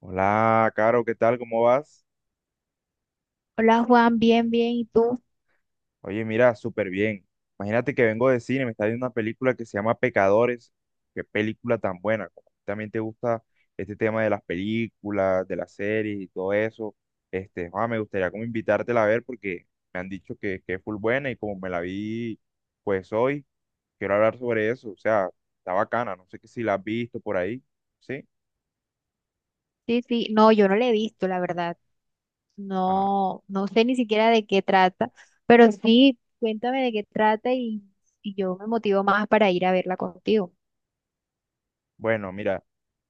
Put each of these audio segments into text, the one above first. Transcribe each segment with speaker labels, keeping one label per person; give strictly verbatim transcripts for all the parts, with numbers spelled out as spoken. Speaker 1: Hola, Caro, ¿qué tal? ¿Cómo vas?
Speaker 2: Hola Juan, bien, bien, ¿y tú?
Speaker 1: Oye, mira, súper bien. Imagínate que vengo de cine, me está viendo una película que se llama Pecadores. Qué película tan buena. Como a ti también te gusta este tema de las películas, de las series y todo eso. Este, ah, me gustaría como invitártela a ver porque me han dicho que, que es full buena y como me la vi pues hoy, quiero hablar sobre eso. O sea, está bacana. No sé que si la has visto por ahí. ¿Sí?
Speaker 2: Sí, sí, no, yo no la he visto, la verdad.
Speaker 1: Ajá.
Speaker 2: No, no sé ni siquiera de qué trata, pero sí, cuéntame de qué trata y, y yo me motivo más para ir a verla contigo.
Speaker 1: Bueno, mira,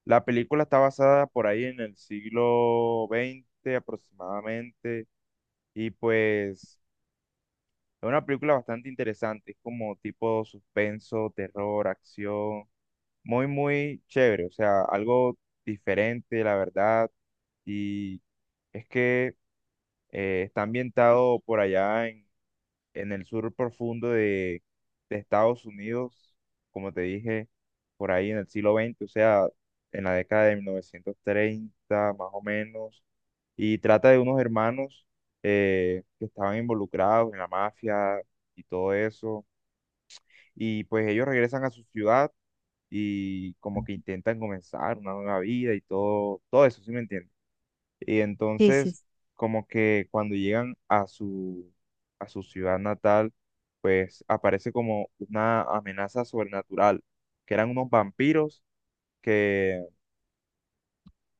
Speaker 1: la película está basada por ahí en el siglo veinte aproximadamente y pues es una película bastante interesante, es como tipo suspenso, terror, acción, muy, muy chévere, o sea, algo diferente, la verdad, y es que eh, está ambientado por allá en en el sur profundo de, de Estados Unidos, como te dije, por ahí en el siglo veinte, o sea, en la década de mil novecientos treinta más o menos, y trata de unos hermanos eh, que estaban involucrados en la mafia y todo eso, y pues ellos regresan a su ciudad y como que intentan comenzar una nueva vida y todo, todo eso, ¿sí me entiendes? Y
Speaker 2: Sí, sí,
Speaker 1: entonces,
Speaker 2: sí.
Speaker 1: como que cuando llegan a su, a su ciudad natal, pues aparece como una amenaza sobrenatural, que eran unos vampiros que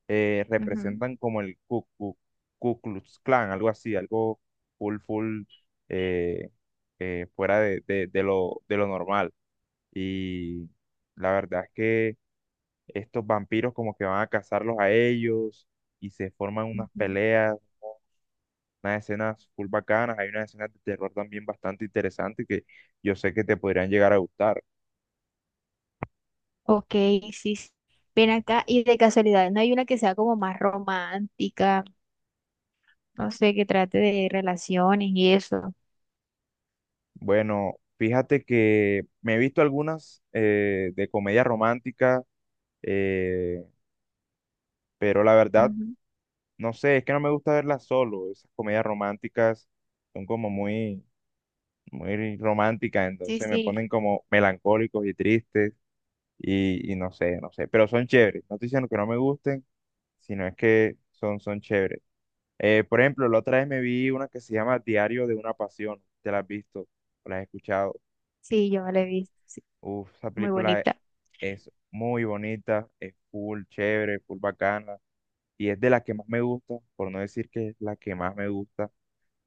Speaker 1: eh,
Speaker 2: Ujú,
Speaker 1: representan como el Ku, Ku- Ku Klux Klan, algo así, algo full, full, eh, eh, fuera de, de- de lo, de lo normal. Y la verdad es que estos vampiros como que van a cazarlos a ellos y se forman unas
Speaker 2: ujú.
Speaker 1: peleas unas escenas full bacanas, hay unas escenas de terror también bastante interesantes que yo sé que te podrían llegar a gustar.
Speaker 2: Ok, sí, sí. Ven acá y de casualidad, ¿no hay una que sea como más romántica? No sé, que trate de relaciones y eso.
Speaker 1: Bueno, fíjate que me he visto algunas eh, de comedia romántica, eh, pero la verdad,
Speaker 2: Ujú.
Speaker 1: no sé, es que no me gusta verlas solo. Esas comedias románticas son como muy, muy románticas,
Speaker 2: Sí,
Speaker 1: entonces me
Speaker 2: sí,
Speaker 1: ponen como melancólicos y tristes y, y no sé, no sé, pero son chéveres. No estoy diciendo que no me gusten, sino es que son, son chéveres. Eh, por ejemplo, la otra vez me vi una que se llama Diario de una Pasión. ¿Te la has visto? ¿O ¿La has escuchado?
Speaker 2: sí, yo me la he visto. Sí,
Speaker 1: Uf, esa
Speaker 2: muy
Speaker 1: película e-
Speaker 2: bonita.
Speaker 1: es muy bonita, es full chévere, full bacana. Y es de las que más me gusta, por no decir que es la que más me gusta.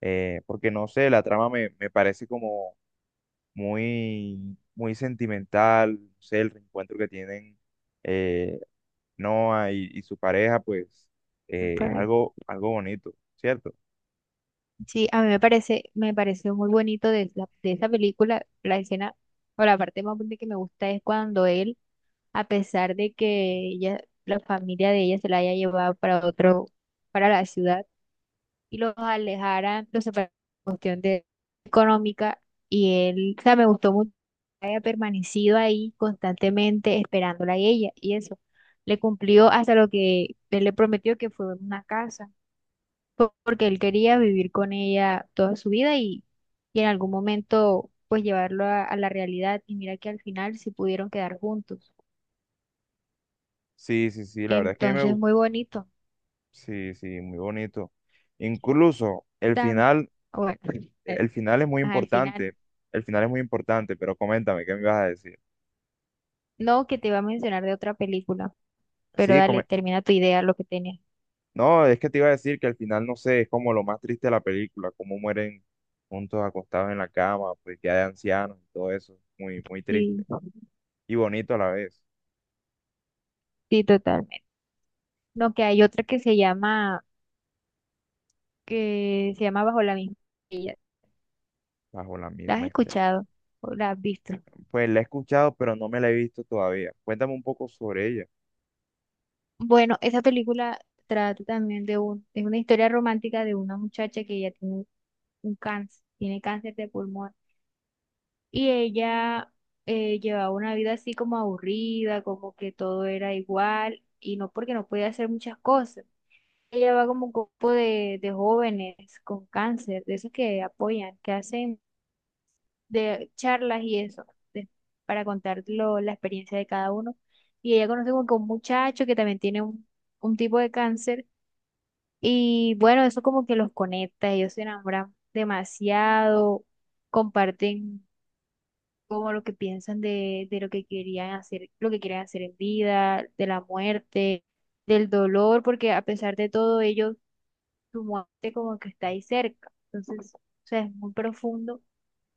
Speaker 1: eh, Porque no sé, la trama me, me parece como muy, muy sentimental. No sé, el reencuentro que tienen eh, Noah y, y su pareja, pues eh, es algo, algo bonito, ¿cierto?
Speaker 2: Sí, a mí me parece, me pareció muy bonito de, la- de esa película. La escena o la parte más bonita que me gusta es cuando él, a pesar de que ella, la familia de ella se la haya llevado para otro, para la ciudad, y los alejaran, los separaran por cuestión de económica, y él, o sea, me gustó mucho que haya permanecido ahí constantemente esperándola a ella y eso. Le cumplió hasta lo que él le prometió, que fue una casa, po- porque él quería vivir con ella toda su vida y, y en algún momento pues llevarlo a, a la realidad, y mira que al final sí pudieron quedar juntos.
Speaker 1: Sí, sí, sí, la verdad es que a mí me
Speaker 2: Entonces,
Speaker 1: gustó.
Speaker 2: muy bonito.
Speaker 1: Sí, sí, muy bonito. Incluso el
Speaker 2: Tam-
Speaker 1: final,
Speaker 2: bueno, eh,
Speaker 1: el final es muy
Speaker 2: Al final,
Speaker 1: importante. El final es muy importante, pero coméntame, ¿qué me ibas a decir?
Speaker 2: no, que te iba a mencionar de otra película, pero
Speaker 1: Sí,
Speaker 2: dale,
Speaker 1: come-
Speaker 2: termina tu idea, lo que tenías.
Speaker 1: no, es que te iba a decir que al final, no sé, es como lo más triste de la película, cómo mueren juntos acostados en la cama, pues ya de ancianos y todo eso. Muy, muy
Speaker 2: Sí,
Speaker 1: triste. Y bonito a la vez,
Speaker 2: sí, totalmente. No, que hay otra que se llama, que se llama Bajo la misma estrella.
Speaker 1: bajo la
Speaker 2: ¿La has
Speaker 1: misma este.
Speaker 2: escuchado o la has visto?
Speaker 1: Pues la he escuchado, pero no me la he visto todavía. Cuéntame un poco sobre ella.
Speaker 2: Bueno, esa película trata también de un, es una historia romántica de una muchacha que ella tiene un cáncer, tiene cáncer de pulmón, y ella eh, llevaba una vida así como aburrida, como que todo era igual, y no, porque no podía hacer muchas cosas. Ella va como un grupo de, de jóvenes con cáncer, de esos que apoyan, que hacen de charlas y eso, de- para contar lo- la experiencia de cada uno. Y ella conoce como que un muchacho que también tiene un un tipo de cáncer. Y bueno, eso como que los conecta, ellos se enamoran demasiado, comparten como lo que piensan de, de lo que querían hacer, lo que quieren hacer en vida, de la muerte, del dolor, porque a pesar de todo ellos, su muerte como que está ahí cerca. Entonces, o sea, es muy profundo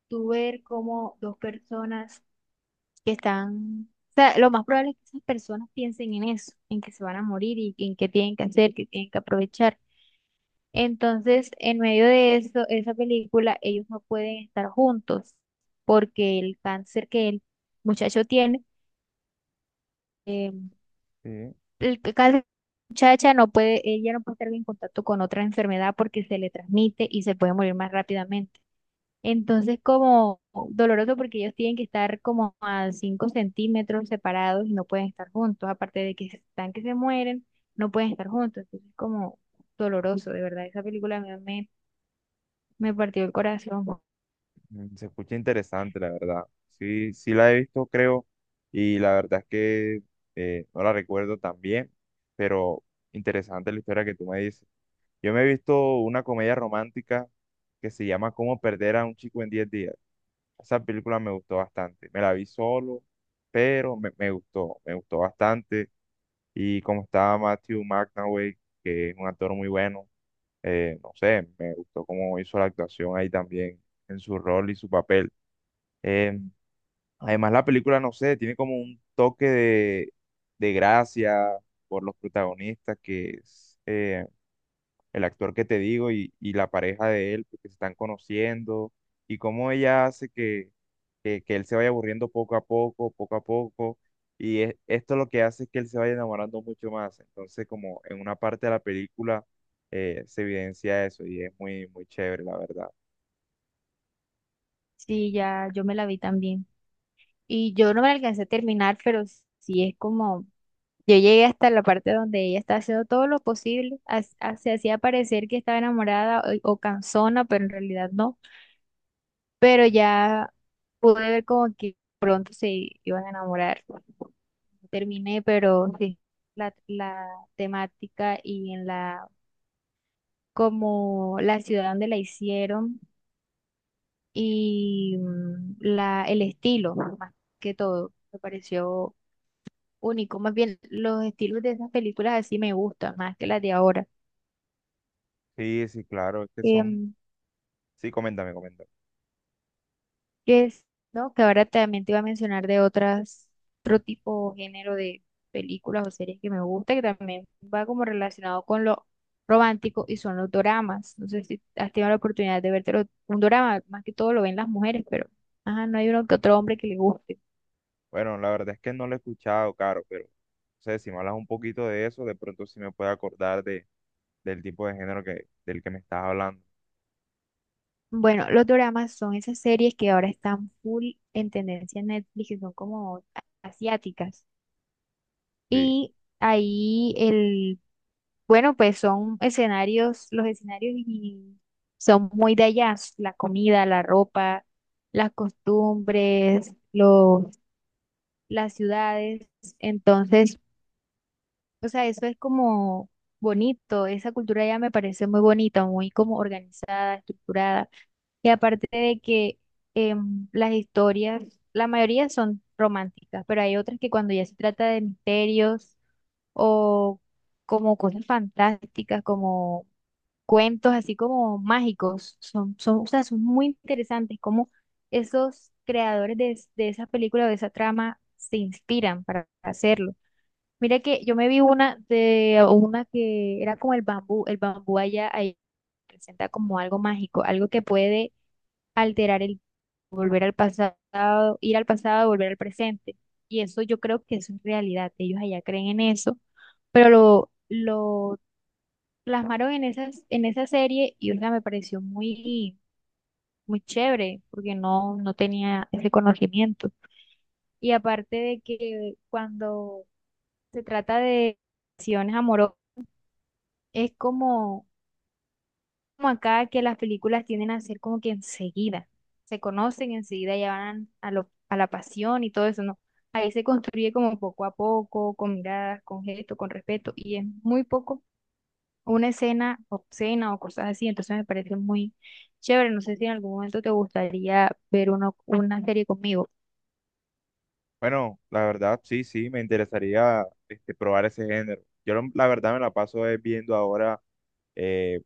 Speaker 2: tú ver cómo dos personas que están, o sea, lo más probable es que esas personas piensen en eso, en que se van a morir y en qué tienen que hacer, que tienen que aprovechar. Entonces, en medio de eso, esa película, ellos no pueden estar juntos porque el cáncer que el muchacho tiene, eh,
Speaker 1: Sí.
Speaker 2: el c- cáncer de la muchacha no puede, ella no puede estar en contacto con otra enfermedad porque se le transmite y se puede morir más rápidamente. Entonces, como doloroso, porque ellos tienen que estar como a cinco centímetros separados y no pueden estar juntos, aparte de que están que se mueren, no pueden estar juntos. Entonces, como doloroso, de verdad, esa película a mí me... Me partió el corazón.
Speaker 1: Mm, se escucha interesante, la verdad. Sí, sí la he visto, creo, y la verdad es que eh, no la recuerdo tan bien, pero interesante la historia que tú me dices. Yo me he visto una comedia romántica que se llama Cómo perder a un chico en diez días. Esa película me gustó bastante. Me la vi solo, pero me, me gustó, me gustó bastante. Y como estaba Matthew McConaughey, que es un actor muy bueno, eh, no sé, me gustó cómo hizo la actuación ahí también en su rol y su papel. Eh, Además, la película, no sé, tiene como un toque de, de, gracia por los protagonistas que es, eh, el actor que te digo y, y la pareja de él, pues, que se están conociendo, y cómo ella hace que, que, que él se vaya aburriendo poco a poco, poco a poco, y es- esto lo que hace es que él se vaya enamorando mucho más. Entonces, como en una parte de la película eh, se evidencia eso y es muy, muy chévere, la verdad.
Speaker 2: Sí, ya yo me la vi también. Y yo no me la alcancé a terminar, pero sí es como, yo llegué hasta la parte donde ella está haciendo todo lo posible, ha- ha- se hacía parecer que estaba enamorada o, o cansona, pero en realidad no. Pero ya pude ver como que pronto se iban a enamorar. Terminé, pero sí, la, la temática y en la, como la ciudad donde la hicieron y mm, la, el estilo, más que todo, me pareció único. Más bien, los estilos de esas películas así me gustan más que las de ahora.
Speaker 1: Sí, sí, claro, es que son...
Speaker 2: Em,
Speaker 1: Sí, coméntame, coméntame.
Speaker 2: que es, ¿no? Que ahora también te iba a mencionar de otras, otro tipo o género de películas o series que me gusta, que también va como relacionado con lo romántico, y son los doramas. No sé si has tenido la oportunidad de verte un dorama, más que todo lo ven las mujeres, pero ajá, no hay uno que otro hombre que le guste.
Speaker 1: Bueno, la verdad es que no lo he escuchado, Caro, pero no sé, si me hablas un poquito de eso, de pronto sí me puedo acordar de, del tipo de género que, del que me estás hablando.
Speaker 2: Bueno, los doramas son esas series que ahora están full en tendencia en Netflix, que son como asiáticas.
Speaker 1: Sí.
Speaker 2: Y ahí el, bueno, pues son escenarios, los escenarios y son muy de allá, la comida, la ropa, las costumbres, los, las ciudades. Entonces, o sea, eso es como bonito, esa cultura ya me parece muy bonita, muy como organizada, estructurada. Y aparte de que em, las historias, la mayoría son románticas, pero hay otras que cuando ya se trata de misterios o como cosas fantásticas, como cuentos así como mágicos. Son, son, o sea, son muy interesantes como esos creadores de, es- de esa película, de esa trama, se inspiran para hacerlo. Mira que yo me vi una de una que era como el bambú, el bambú allá, ahí presenta como algo mágico, algo que puede alterar el volver al pasado, ir al pasado, volver al presente. Y eso yo creo que eso es realidad. Ellos allá creen en eso, pero lo, lo plasmaron en esas, en esa serie, y o sea, me pareció muy, muy chévere porque no, no tenía ese conocimiento. Y aparte de que cuando se trata de relaciones amorosas, es como, como acá que las películas tienden a ser como que enseguida, se conocen enseguida, ya van a, lo, a la pasión y todo eso, ¿no? Ahí se construye como poco a poco, con miradas, con gestos, con respeto, y es muy poco una escena obscena o cosas así, entonces me parece muy chévere. No sé si en algún momento te gustaría ver uno- una serie conmigo.
Speaker 1: Bueno, la verdad, sí, sí, me interesaría este, probar ese género. Yo lo- la verdad me la paso es viendo ahora eh,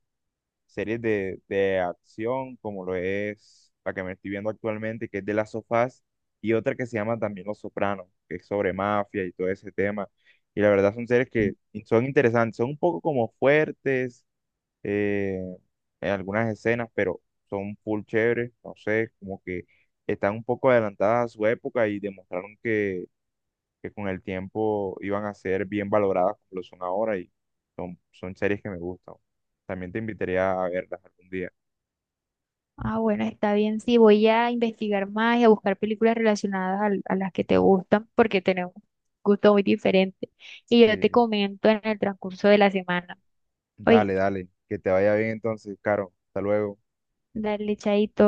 Speaker 1: series de, de acción, como lo es la que me estoy viendo actualmente, que es de las sofás y otra que se llama también Los Sopranos, que es sobre mafia y todo ese tema. Y la verdad son series que son interesantes, son un poco como fuertes eh, en algunas escenas, pero son full chéveres, no sé, como que están un poco adelantadas a su época y demostraron que que con el tiempo iban a ser bien valoradas como lo son ahora y son, son series que me gustan. También te invitaría a verlas algún día.
Speaker 2: Ah, bueno, está bien. Sí, voy a investigar más y a buscar películas relacionadas al- a, las que te gustan porque tenemos gustos muy diferentes. Y yo te
Speaker 1: Sí.
Speaker 2: comento en el transcurso de la semana. Oye,
Speaker 1: Dale, dale. Que te vaya bien entonces, Caro. Hasta luego.
Speaker 2: dale, chaito.